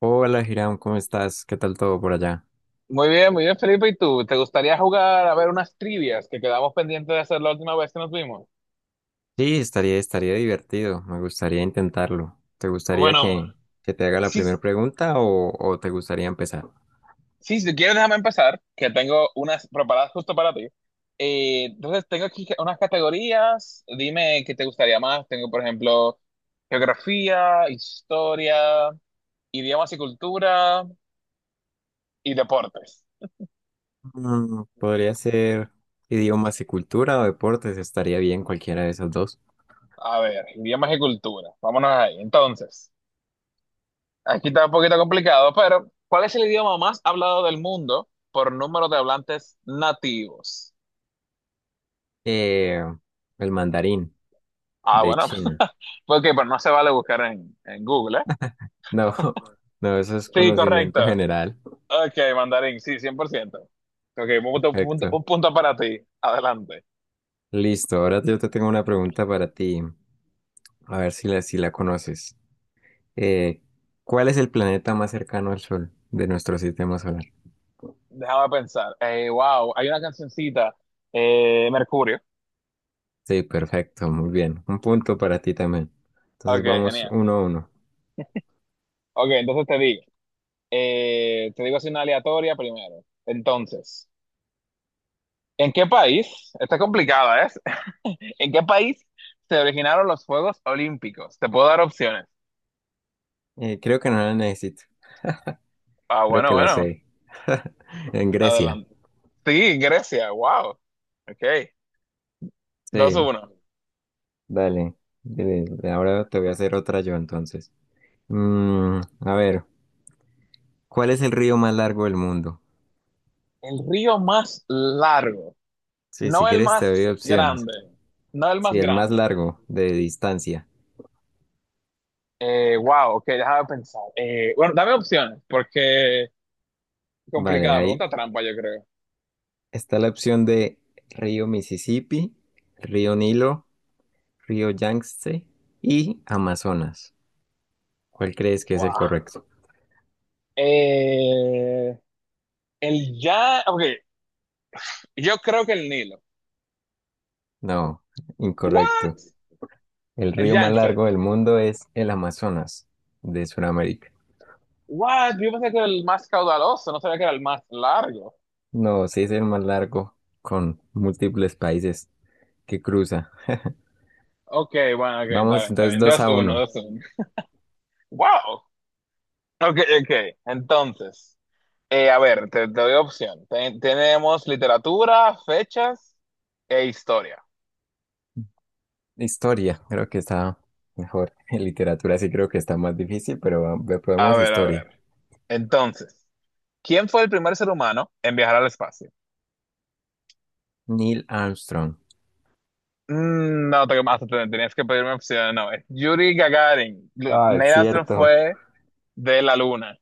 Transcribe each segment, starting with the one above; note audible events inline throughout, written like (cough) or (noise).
Hola, Hiram, ¿cómo estás? ¿Qué tal todo por allá? Muy bien, Felipe. ¿Y tú? ¿Te gustaría jugar a ver unas trivias que quedamos pendientes de hacer la última vez que nos vimos? Sí, estaría divertido. Me gustaría intentarlo. ¿Te gustaría Bueno. que te haga la Sí, primera pregunta o te gustaría empezar? sí, si quieres, déjame empezar, que tengo unas preparadas justo para ti. Entonces, tengo aquí unas categorías. Dime qué te gustaría más. Tengo, por ejemplo, geografía, historia, idiomas y cultura y deportes. Podría ser idiomas y cultura o deportes. Estaría bien cualquiera de esos dos. A ver, idiomas y cultura. Vámonos ahí. Entonces, aquí está un poquito complicado, pero ¿cuál es el idioma más hablado del mundo por número de hablantes nativos? Eh, el mandarín Ah, de bueno, China. (laughs) porque pues no se vale buscar en Google, ¿eh? No, (laughs) no, eso es Sí, conocimiento correcto. general. Ok, mandarín, sí, 100%. Ok, un punto, punto- Perfecto. un punto para ti. Adelante. Listo, ahora yo te tengo una pregunta para ti. A ver si si la conoces. Eh, ¿Cuál es el planeta más cercano al Sol de nuestro sistema solar? Déjame pensar. Wow, hay una cancioncita, Mercurio. Sí, perfecto, muy bien. Un punto para ti también. Entonces Ok, vamos uno genial. a uno. Ok, entonces te digo. Te digo así una aleatoria primero. Entonces, ¿en qué país? Está complicada, ¿eh? ¿En qué país se originaron los Juegos Olímpicos? Te puedo dar opciones. Creo que no la necesito. Ah, Creo bueno, que la bueno, sé. (laughs) En Grecia. adelante. Sí, Grecia, wow. Ok. Sí, 2-1. dale. Eh, Ahora te voy a hacer otra yo entonces. A ver, ¿cuál es el río más largo del mundo? El río más largo, Sí, si no el quieres te doy más opciones. grande, no el más Sí, el más grande. largo de distancia. Wow, ok, déjame pensar. Bueno, dame opciones, porque Vale, complicada, hay pregunta trampa, yo creo. está la opción de río Mississippi, río Nilo, río Yangtze y Amazonas. ¿Cuál crees que es el Wow. correcto? Eh, el ya, ok, yo creo que el Nilo. No, incorrecto. What? El El río más Yangtze. largo del mundo es el Amazonas de Sudamérica. What? Yo pensé que era el más caudaloso, no sabía que era el más largo. No, sí es el más largo con múltiples países que cruza. Ok, bueno, ok, está Vamos bien, está entonces bien. dos dos a uno. uno. 2-1. Wow. Ok, ok. Entonces, a ver, te doy opción. Tenemos literatura, fechas e historia. Historia, creo que está mejor. (laughs) En literatura sí creo que está más difícil, pero A probemos ver, a historia. ver. Entonces, ¿quién fue el primer ser humano en viajar al espacio? Neil Armstrong. No, tenías que pedirme opción. No, es Yuri Gagarin. Ah, es Neil Armstrong cierto. fue de la luna.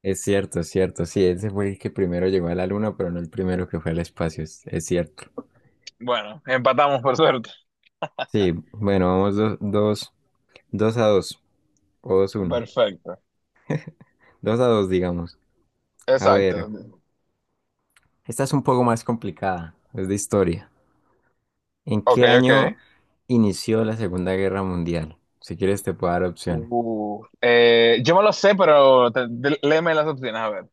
Es cierto, es cierto. Sí, ese fue el que primero llegó a la luna, pero no el primero que fue al espacio. Es cierto. Bueno, empatamos por suerte. Sí, bueno, vamos 2-2. O 2-1. Perfecto. Dos a dos, digamos. A ver, Exacto. esta es un poco más complicada. Es de historia. ¿En Ok, qué ok. año inició la Segunda Guerra Mundial? Si quieres te puedo dar opciones. Yo me lo sé, pero léeme las opciones, a ver.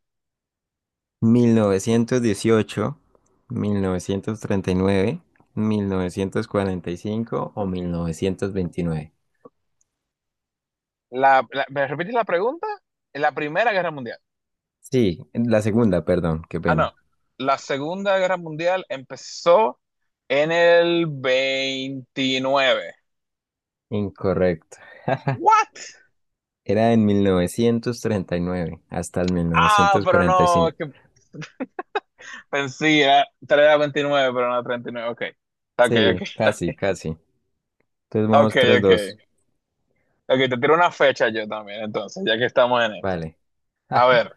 1918, 1939, 1945 o 1929. ¿Me repites la pregunta? La Primera Guerra Mundial. Sí, la segunda, perdón, qué Ah, no. pena. La Segunda Guerra Mundial empezó en el 29. Incorrecto. ¿What? Era en 1939 hasta el mil Ah, novecientos pero cuarenta y no, cinco. es que pensé, era, tal vez era 29, pero no 39. Ok. Ok, ok. (laughs) Sí, Está casi, bien. casi. Entonces Ok, vamos tres ok. dos, Ok, te tiro una fecha yo también, entonces, ya que estamos en esto. Vale. A (laughs) ver,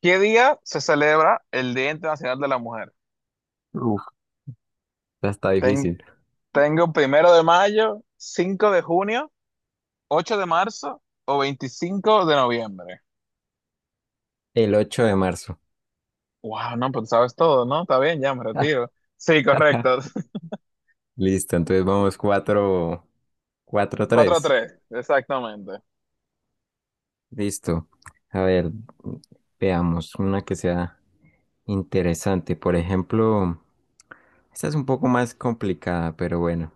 ¿qué día se celebra el Día Internacional de la Mujer? Uf, esta está Ten- difícil. tengo 1 de mayo, 5 de junio, 8 de marzo o 25 de noviembre. El 8 de marzo. Wow, no, pues sabes todo, ¿no? Está bien, ya me retiro. Sí, correcto. (laughs) (laughs) Listo, entonces vamos cuatro 4 tres. tres, exactamente. Listo. A ver, veamos una que sea interesante. Por ejemplo, esta es un poco más complicada, pero bueno.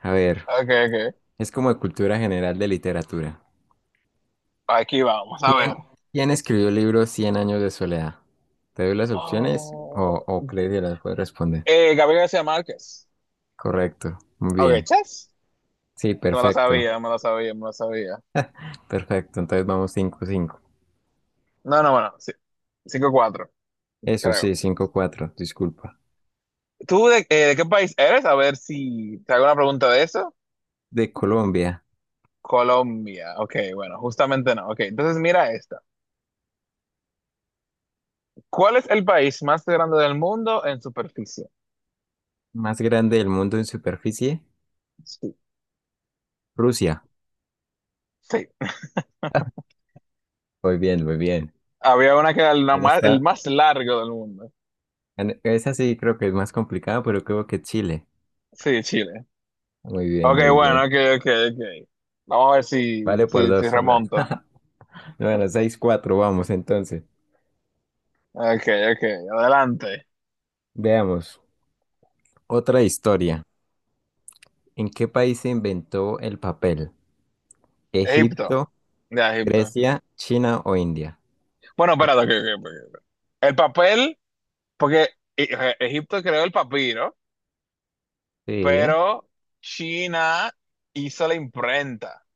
A ver, Ok, ok. es como de cultura general de literatura. Aquí vamos, a ver. ¿Quién, quién escribió el libro Cien años de soledad? ¿Te doy las opciones Oh, o crees que las puedes responder? Gabriel García Márquez. Correcto, muy Ok, bien. chess. Sí, Me lo perfecto, sabía, me lo sabía, me lo sabía. perfecto. Entonces vamos 5-5. No, no, bueno, sí. 5-4, Eso creo. sí, 5-4. Disculpa. ¿Tú de qué país eres? A ver si te hago una pregunta de eso. De Colombia, Colombia. Ok, bueno, justamente no. Ok, entonces mira esta. ¿Cuál es el país más grande del mundo en superficie? más grande del mundo en superficie, Sí, Rusia. sí. (laughs) Muy bien, muy bien. Había una que era Han el estado- más largo del mundo. Esa sí creo que es más complicada, pero creo que Chile. Sí, Chile. Muy bien, Ok, muy bueno, bien. ok, ok, ok. Vamos a ver si, Vale por si, si dos, una. remonto. (laughs) Bueno, 6-4 vamos entonces. Ok, ok, adelante. Veamos, otra historia. ¿En qué país se inventó el papel? Egipto. ¿Egipto, Ya, Egipto. Grecia, China o India? Bueno, Eh, espérate, ok, ok, ok. Ok. El papel, porque Egipto creó el papiro, Sí, pero China hizo la imprenta.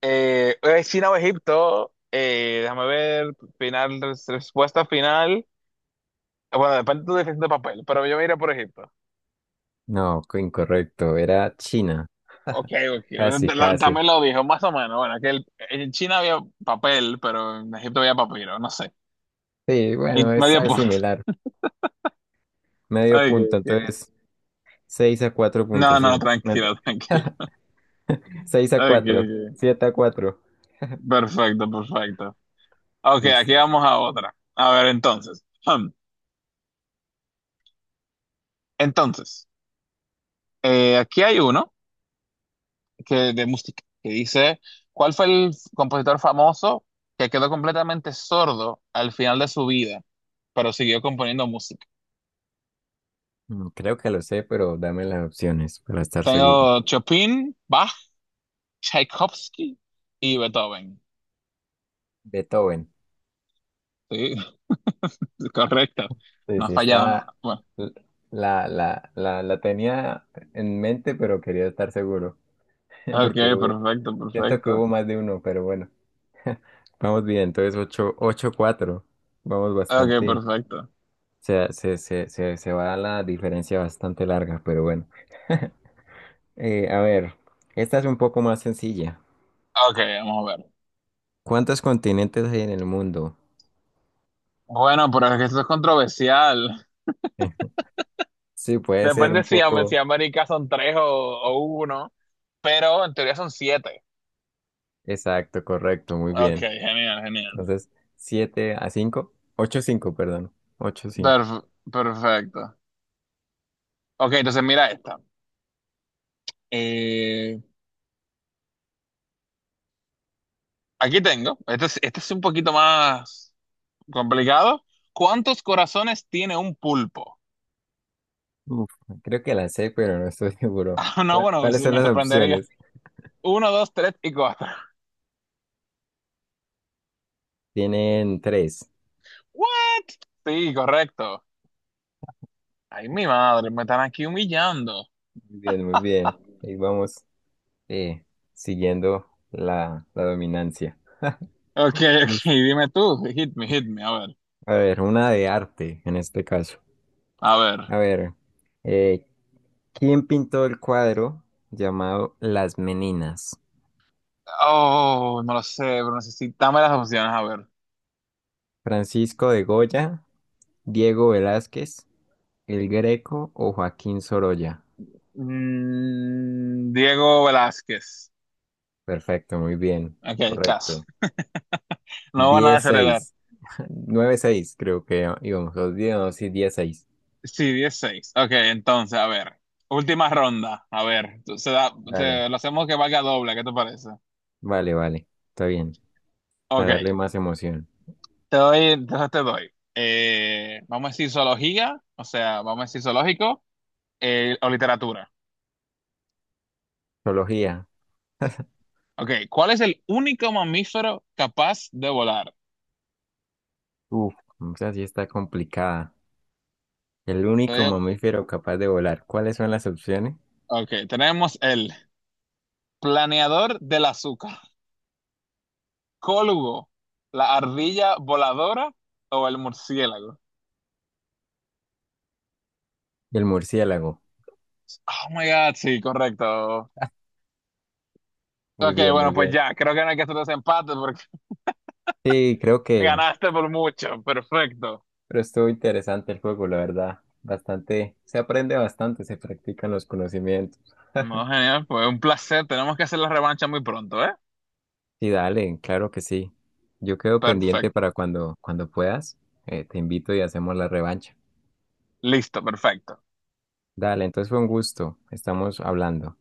China o Egipto, déjame ver, final, respuesta final. Bueno, depende de tu definición de papel, pero yo me iré por Egipto. no, incorrecto, era China. Ok, ok. Casi, casi. También lo dijo, más o menos. Bueno, que en China había papel, pero en Egipto había papiro, no sé. Sí, bueno, es Medio algo punto. similar. (laughs) Medio Ok, punto, ok. entonces 6 a No, no, 4.5. Tranquilo, (laughs) tranquilo. (laughs) Seis a Ok, cuatro, ok. 7-4. Perfecto, perfecto. Ok, aquí Listo. vamos a otra. A ver, entonces. Hmm. Entonces. Aquí hay uno que, de música, que dice, ¿cuál fue el compositor famoso que quedó completamente sordo al final de su vida, pero siguió componiendo música? Creo que lo sé, pero dame las opciones para estar seguro. Tengo Chopin, Bach, Tchaikovsky y Beethoven. Beethoven. Sí, (laughs) correcto. Sí, No ha sí, fallado está. nada. Bueno, La tenía en mente, pero quería estar seguro. (laughs) ok, Porque perfecto, siento que hubo perfecto. más de uno, pero bueno. (laughs) Vamos bien, entonces ocho cuatro. Vamos Ok, bastante. perfecto. Se va la diferencia bastante larga, pero bueno. (laughs) A ver, esta es un poco más sencilla. Ok, vamos a ver. ¿Cuántos continentes hay en el mundo? Bueno, pero es que esto es controversial. (laughs) Sí, puede ser Depende un si, si poco. América son tres o uno, pero en teoría son siete. Exacto, correcto, muy Ok, bien. genial, genial. Entonces, 7 a 5, 8 cinco, perdón. 8 cinco. Perf- Perfecto. Ok, entonces mira esta. Eh, aquí tengo. Este es un poquito más complicado. ¿Cuántos corazones tiene un pulpo? (laughs) Uf, creo que la sé, pero no estoy (laughs) seguro. Ah, no, bueno, pues ¿Cuáles son me las sorprendería. opciones? Uno, dos, tres y cuatro. Tienen tres. ¿What? Sí, correcto. Ay, mi madre, me están aquí humillando. Muy bien, muy bien. Ahí vamos, eh, siguiendo la dominancia. Ok, (laughs) ok, Listo. dime tú. Hit me, hit me. A ver, A ver, una de arte en este caso. a ver. A ver, eh, ¿quién pintó el cuadro llamado Las Meninas? Oh, no lo sé, pero necesitame las opciones. A ver. ¿Francisco de Goya, Diego Velázquez, El Greco o Joaquín Sorolla? Diego Velázquez. Perfecto, muy bien, Ok, casi. correcto. No van a desheredar. 10-6, 9-6 (laughs) creo que íbamos, los 10 no, sí, 10-6. Sí, 16. Ok, entonces, a ver. Última ronda. A ver, Dale. Lo hacemos que valga doble, ¿qué te parece? Vale, vale, está bien. Ok, Para darle más emoción. te doy, entonces te doy. Vamos a decir zoología, o sea, vamos a decir zoológico, o literatura. Zoología. Ok, ¿cuál es el único mamífero capaz de volar? Uf, esa sí está complicada. El Te único doy- mamífero capaz de volar. ¿Cuáles son las opciones? Ok, tenemos el planeador del azúcar, cólugo, la ardilla voladora o el murciélago. El murciélago. Oh my God, sí, correcto. Muy Ok, bien, bueno, muy pues bien. ya, creo que no hay que hacer desempate porque Sí, creo (laughs) que, ganaste por mucho. Perfecto. pero estuvo interesante el juego, la verdad. Bastante, se aprende bastante, se practican los conocimientos. No, (laughs) genial, pues un placer. Tenemos que hacer la revancha muy pronto, ¿eh? Sí, dale, claro que sí. Yo quedo pendiente para Perfecto. cuando puedas. Te invito y hacemos la revancha. Listo, perfecto. Dale, entonces fue un gusto. Estamos hablando.